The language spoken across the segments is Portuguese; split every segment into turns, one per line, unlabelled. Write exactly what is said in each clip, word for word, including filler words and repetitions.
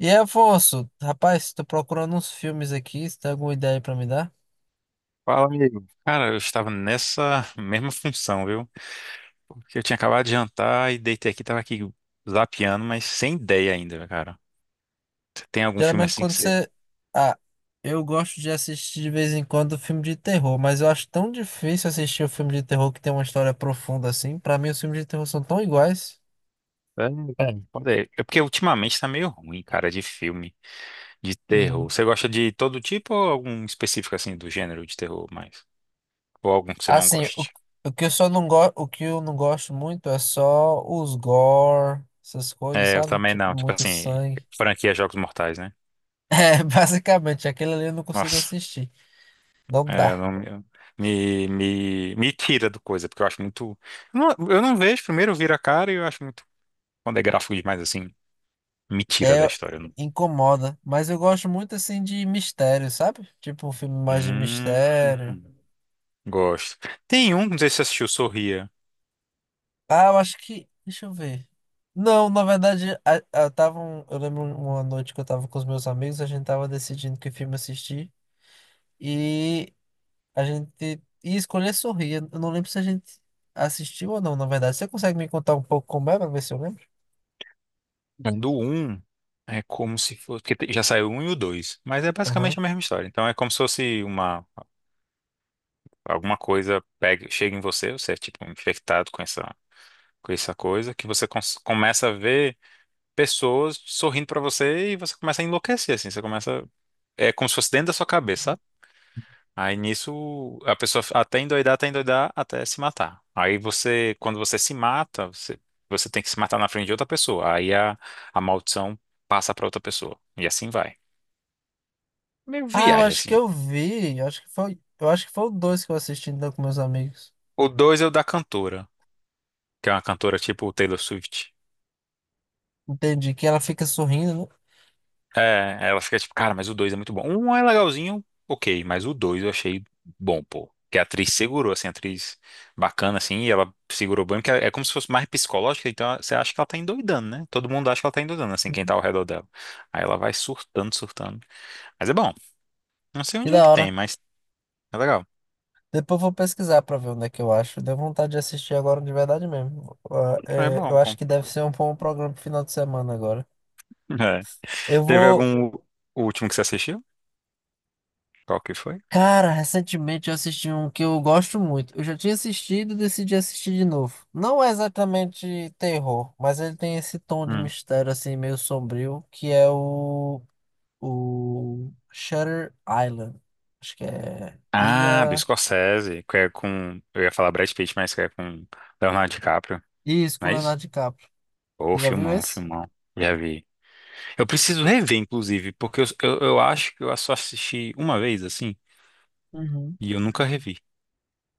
E aí, Afonso, rapaz, tô procurando uns filmes aqui, se tem alguma ideia pra me dar?
Fala, amigo. Cara, eu estava nessa mesma função, viu? Porque eu tinha acabado de jantar e deitei aqui, tava aqui zapeando, mas sem ideia ainda, cara. Você tem algum filme
Geralmente
assim que
quando
você.
você... Ah, eu gosto de assistir de vez em quando filme de terror, mas eu acho tão difícil assistir o filme de terror que tem uma história profunda assim. Pra mim, os filmes de terror são tão iguais.
É, é, pode ser. É porque ultimamente tá meio ruim, cara, de filme, de terror.
Uhum.
Você gosta de todo tipo ou algum específico, assim, do gênero de terror mais? Ou algum que você não
Assim, o,
goste?
o que eu só não gosto, o que eu não gosto muito é só os gore, essas coisas,
É, eu
sabe?
também
Tipo,
não. Tipo
muito
assim,
sangue.
franquia Jogos Mortais, né?
É, basicamente, aquele ali eu não consigo
Nossa.
assistir. Não
É, eu
dá.
não eu- me, me, me tira do coisa, porque eu acho muito. Eu não, eu não vejo, primeiro eu viro a cara e eu acho muito. Quando é gráfico demais assim, me tira da
É,
história. Eu não-
incomoda, mas eu gosto muito assim de mistério, sabe? Tipo um filme mais de
Hum,
mistério.
gosto. Tem um, não sei se você assistiu, Sorria.
Ah, eu acho que. Deixa eu ver. Não, na verdade, a, a- tava um- eu lembro uma noite que eu tava com os meus amigos, a gente tava decidindo que filme assistir e a gente ia escolher Sorrir. Eu não lembro se a gente assistiu ou não, na verdade. Você consegue me contar um pouco como é pra ver se eu lembro?
É do um é como se fosse. Porque te- já saiu o um e o dois, mas é basicamente
Aham.
a mesma história. Então é como se fosse uma. Alguma coisa pega, chega em você, você é tipo infectado com essa, com essa coisa, que você cons- começa a ver. Pessoas sorrindo pra você e você começa a enlouquecer, assim, você começa, é como se fosse dentro da sua cabeça, sabe? Aí nisso a pessoa até endoidar, até endoidar, até se matar. Aí você, quando você se mata, você, você tem que se matar na frente de outra pessoa. Aí a, a maldição passa pra outra pessoa. E assim vai. Meio
Ah, eu
viagem,
acho que
assim.
eu vi. Eu acho que foi, eu acho que foi o dois que eu assisti então com meus amigos.
O dois é o da cantora, que é uma cantora tipo Taylor Swift.
Entendi, que ela fica sorrindo, né?
É, ela fica tipo, cara, mas o dois é muito bom. Um é legalzinho, ok, mas o dois eu achei bom, pô. Que a atriz segurou, assim, a atriz bacana, assim, e ela segurou bem, porque é como se fosse mais psicológica, então você acha que ela tá endoidando, né? Todo mundo acha que ela tá endoidando, assim,
Que
quem tá ao redor dela. Aí ela vai surtando, surtando. Mas é bom. Não sei onde é
da
que
hora.
tem, mas é legal.
Depois eu vou pesquisar pra ver onde é que eu acho. Deu vontade de assistir agora de verdade mesmo. Ah,
É
é, eu
bom,
acho
bom.
que deve ser um bom programa pro final de semana agora.
É.
Eu
Teve
vou.
algum último que você assistiu? Qual que foi?
Cara, recentemente eu assisti um que eu gosto muito. Eu já tinha assistido e decidi assistir de novo. Não é exatamente terror, mas ele tem esse tom de
Hum.
mistério assim, meio sombrio, que é o, o Shutter Island. Acho que é
Ah, do
Ilha.
Scorsese, que é com. Eu ia falar Brad Pitt, mas que é com Leonardo DiCaprio.
Isso,
Não
com
né?
Leonardo DiCaprio.
Ô,
Você já viu
filmão,
esse?
filmão. Já vi. Eu preciso
Eu-
rever, inclusive, porque eu, eu, eu acho que eu só assisti uma vez, assim,
Uhum.
e eu nunca revi.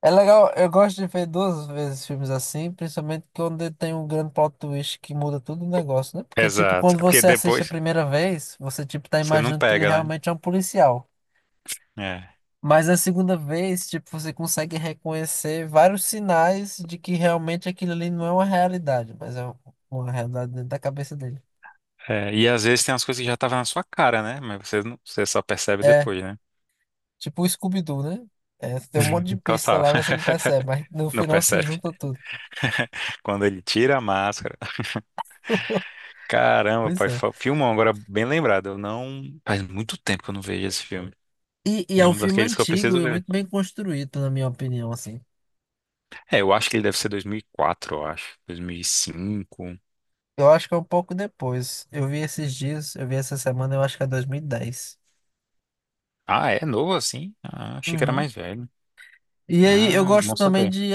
É legal, eu gosto de ver duas vezes filmes assim, principalmente quando tem um grande plot twist que muda todo o negócio, né? Porque, tipo,
Exato.
quando
É porque
você assiste a
depois
primeira vez, você, tipo, tá
você não
imaginando que ele
pega, né?
realmente é um policial.
É.
Mas na segunda vez, tipo, você consegue reconhecer vários sinais de que realmente aquilo ali não é uma realidade, mas é uma realidade dentro da cabeça dele.
É, e às vezes tem umas coisas que já estavam na sua cara, né? Mas você, não, você só percebe
É,
depois, né?
tipo o Scooby-Doo, né? É, tem um monte de pista
Total.
lá, mas você não percebe, mas no
Não
final você
percebe.
junta tudo.
Quando ele tira a máscara. Caramba,
Pois
pai,
é.
fa- filmão, agora bem lembrado. Eu não. Faz muito tempo que eu não vejo esse filme.
E, e é
É
um
um
filme
daqueles que eu
antigo
preciso
e
ver.
muito bem construído, na minha opinião, assim.
É, eu acho que ele deve ser dois mil e quatro, eu acho. dois mil e cinco.
Eu acho que é um pouco depois. Eu vi esses dias, eu vi essa semana, eu acho que é dois mil e dez.
Ah, é novo assim? Ah, achei que era
Uhum.
mais velho.
E aí, eu
Ah,
gosto
bom
também
saber.
de,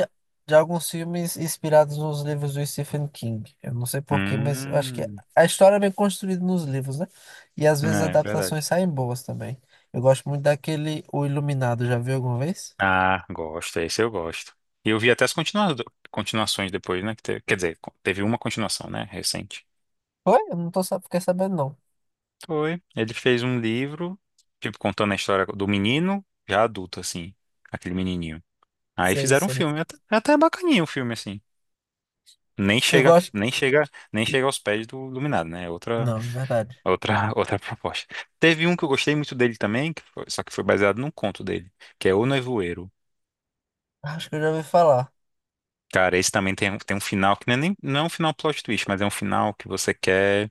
de alguns filmes inspirados nos livros do Stephen King. Eu não sei porquê, mas eu acho que
Hum,
a história é bem construída nos livros, né? E às vezes
é verdade.
adaptações saem boas também. Eu gosto muito daquele O Iluminado, já viu alguma vez?
Ah, gosto, esse eu gosto. E eu vi até as continua- continuações depois, né? Que te- quer dizer, co- teve uma continuação, né? Recente.
Foi? Eu não tô, sa- fiquei sabendo, não.
Foi. Ele fez um livro, tipo, contando a história do menino, já adulto, assim, aquele menininho. Aí
Sei,
fizeram um
sei.
filme, até, até bacaninha o filme, assim. Nem
Eu
chega,
gosto.
nem chega, nem chega aos pés do Iluminado, né? É outra.
Não, é verdade.
Outra, outra proposta. Teve um que eu gostei muito dele também, que foi- só que foi baseado num conto dele, que é O Nevoeiro.
Acho que eu já ouvi falar.
Cara, esse também tem, um- tem um final que não é, nem, não é um final plot twist, mas é um final que você quer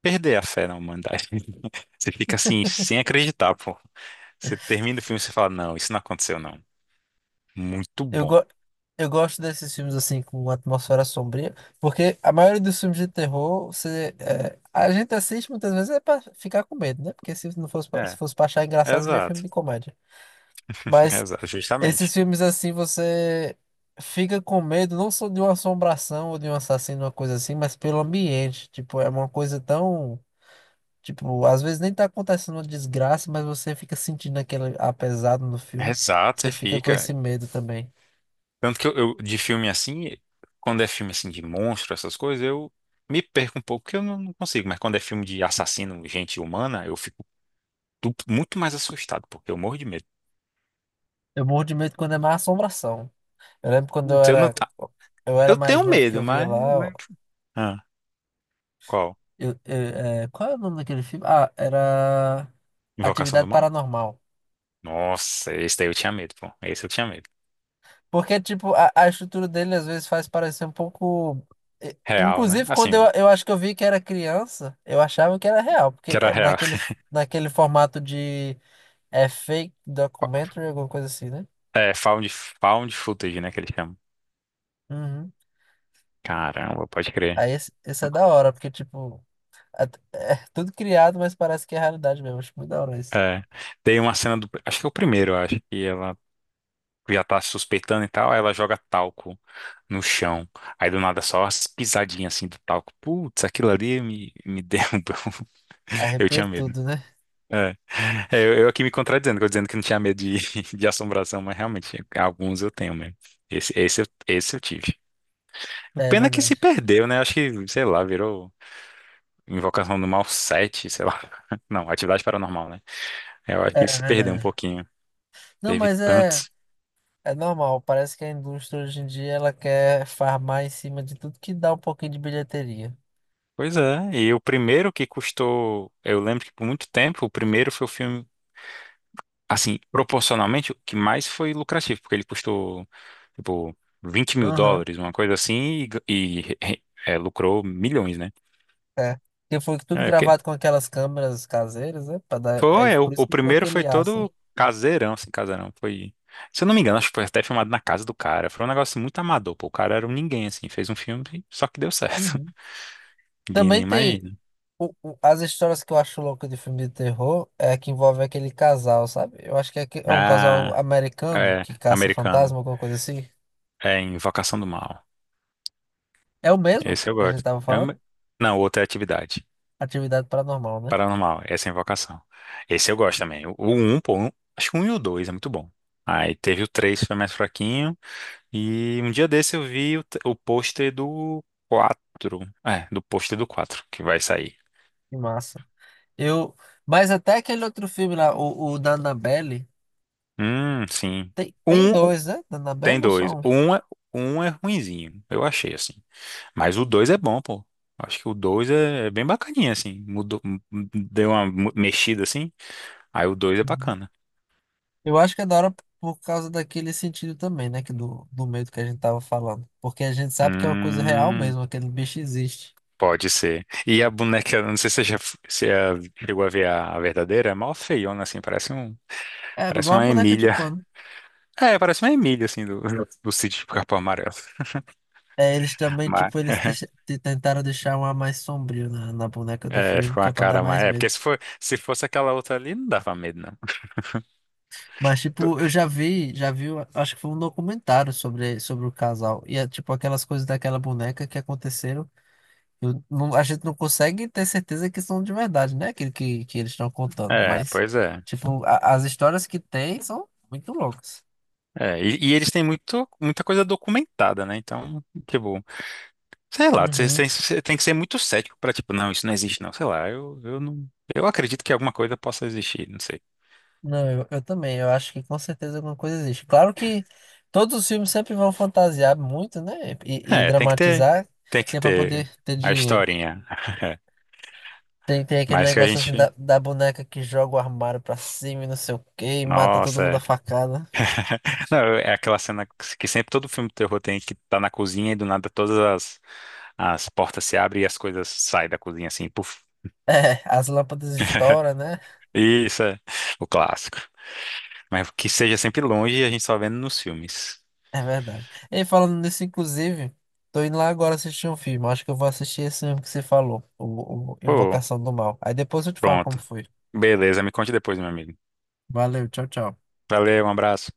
perder a fé na humanidade. Você fica assim, sem acreditar, pô. Você termina o filme e você fala, não, isso não aconteceu, não. Muito
Eu,
bom.
go eu gosto desses filmes assim com uma atmosfera sombria, porque a maioria dos filmes de terror, você, é, a gente assiste muitas vezes é para ficar com medo, né? Porque se não fosse pra, se
É,
fosse para achar engraçado, devia filme
exato.
de comédia. Mas
Exato,
esses
justamente.
filmes assim, você fica com medo não só de uma assombração ou de um assassino, uma coisa assim, mas pelo ambiente. Tipo, é uma coisa tão, tipo, às vezes nem tá acontecendo uma desgraça, mas você fica sentindo aquele apesado no filme,
Exato,
você
você
fica com esse
fica.
medo também.
Tanto que eu, eu- de filme assim, quando é filme assim de monstro, essas coisas, eu me perco um pouco, porque eu não, não consigo. Mas quando é filme de assassino, gente humana, eu fico du- muito mais assustado, porque eu morro de medo.
Eu morro de medo quando é má assombração. Eu lembro quando eu
Putz, Eu, não,
era,
tá-
eu era
eu
mais
tenho
novo que
medo,
eu via
mas,
lá.
mas... Ah, qual?
Eu, eu- é, qual é o nome daquele filme? Ah, era
Invocação do
Atividade
Mal?
Paranormal.
Nossa, esse daí eu tinha medo, pô. Esse eu tinha medo.
Porque, tipo, a, a estrutura dele às vezes faz parecer um pouco. e-
Real, né?
Inclusive, quando eu,
Assim,
eu acho que eu vi que era criança, eu achava que era real. Porque
que era
é
real.
naquele, naquele formato de é fake documentary, alguma coisa assim, né?
É, found, found footage, né, que eles chamam.
Uhum.
Caramba, pode crer.
Aí esse, esse é da hora, porque, tipo. At- É tudo criado, mas parece que é realidade mesmo. Acho muito da hora isso.
É, tem uma cena do. Acho que é o primeiro, acho. Que ela já tá suspeitando e tal, aí ela joga talco no chão. Aí do nada só as pisadinhas assim do talco. Putz, aquilo ali me, me derrubou. Eu
Arrepia
tinha medo.
tudo, né?
É. É, eu, eu aqui me contradizendo, que eu dizendo que não tinha medo de, de assombração, mas realmente, alguns eu tenho mesmo. Esse, esse, eu- esse eu tive. O
É
pena é que se
verdade.
perdeu, né? Acho que, sei lá, virou Invocação do Mal sete sei lá. Não, Atividade Paranormal, né? Eu acho que
É
ele se perdeu um
verdade.
pouquinho.
Não,
Teve
mas é,
tantos.
é normal. Parece que a indústria hoje em dia ela quer farmar em cima de tudo que dá um pouquinho de bilheteria.
Pois é, e o primeiro que custou, eu lembro que por muito tempo, o primeiro foi o filme, assim, proporcionalmente, o que mais foi lucrativo, porque ele custou, tipo, vinte mil
Aham.
dólares, uma coisa assim, e, e, é, lucrou milhões, né?
É. Porque foi tudo
É, porque
gravado com aquelas câmeras caseiras, né? Pra dar, é
foi, é,
por
o,
isso
o
que ficou
primeiro foi
aquele ar, assim.
todo caseirão, assim, caseirão, foi, se eu não me engano, acho que foi até filmado na casa do cara, foi um negócio muito amador, pô, o cara era um ninguém, assim, fez um filme, só que deu certo,
Uhum.
ninguém nem
Também tem.
imagina.
O- o- as histórias que eu acho louca de filme de terror é que envolve aquele casal, sabe? Eu acho que é, que- é um casal
Ah,
americano
é,
que caça
americano,
fantasma, alguma coisa assim.
é Invocação do Mal.
É o mesmo
Esse eu
que a gente
gosto.
tava
É
falando?
uma- não, outra é atividade.
Atividade paranormal, né?
Paranormal, essa é a invocação. Esse eu gosto também. O o um, pô, um- acho que o um e o dois é muito bom. Aí teve o três foi mais fraquinho. E um dia desse eu vi o, t- o pôster do quatro. É, do pôster do quatro que vai sair.
Que massa. Eu, mas até aquele outro filme lá, o, o da Annabelle,
Hum, sim.
tem, tem
Um, o-
dois, né? Da
tem
Annabelle ou
dois.
só um?
Um é, um é ruinzinho, eu achei, assim. Mas o dois é bom, pô. Acho que o dois é é bem bacaninha, assim. Mudou, m- m- deu uma mu- mexida, assim. Aí o dois é
Uhum.
bacana.
Eu acho que é da hora por causa daquele sentido também, né? Que do, do medo que a gente tava falando. Porque a gente sabe que é uma coisa real
Hum,
mesmo, aquele bicho existe.
pode ser. E a boneca, não sei se você já se a- chegou a ver a, a verdadeira, é mó feiona, assim, parece um,
É
parece
igual a
uma
boneca de
Emília.
pano.
É, parece uma Emília, assim, do, do sítio do Capão Amarelo.
É, eles também,
Mas,
tipo, eles deixa- te- tentaram deixar um ar mais sombrio na, na boneca do
é,
filme,
ficou
que
uma
é pra dar
cara mais.
mais
É, porque
medo.
se for, se fosse aquela outra ali, não dava medo, não.
Mas, tipo, eu já vi, já vi, eu acho que foi um documentário sobre, sobre o casal. E é, tipo, aquelas coisas daquela boneca que aconteceram. Eu não- a gente não consegue ter certeza que são de verdade, né? Aquilo que, que eles estão contando.
É,
Mas,
pois é.
tipo, a- as histórias que tem são muito loucas.
É, e, e eles têm muito, muita coisa documentada, né? Então, tipo, sei lá, você
Uhum.
tem, você tem que ser muito cético pra, tipo, não, isso não existe, não. Sei lá, eu, eu não. Eu acredito que alguma coisa possa existir, não sei.
Não, eu, eu também. Eu acho que com certeza alguma coisa existe. Claro que todos os filmes sempre vão fantasiar muito, né? E, e
É, tem que ter,
dramatizar,
tem
que
que
é pra
ter
poder ter
a
dinheiro.
historinha.
Tem, tem aquele
Mas que a
negócio assim
gente.
da, da boneca que joga o armário pra cima e não sei o quê, e mata todo
Nossa,
mundo a
é.
facada.
Não, é aquela cena que sempre todo filme de terror tem que tá na cozinha e do nada todas as, as portas se abrem e as coisas saem da cozinha assim, puf.
É, as lâmpadas estouram, né?
Isso é o clássico. Mas que seja sempre longe e a gente só vendo nos filmes.
É verdade. E falando nisso, inclusive, tô indo lá agora assistir um filme. Acho que eu vou assistir esse filme que você falou, o, o
Pô,
Invocação do Mal. Aí depois eu te falo como
pronto.
foi.
Beleza, me conte depois, meu amigo.
Valeu, tchau, tchau.
Valeu, um abraço.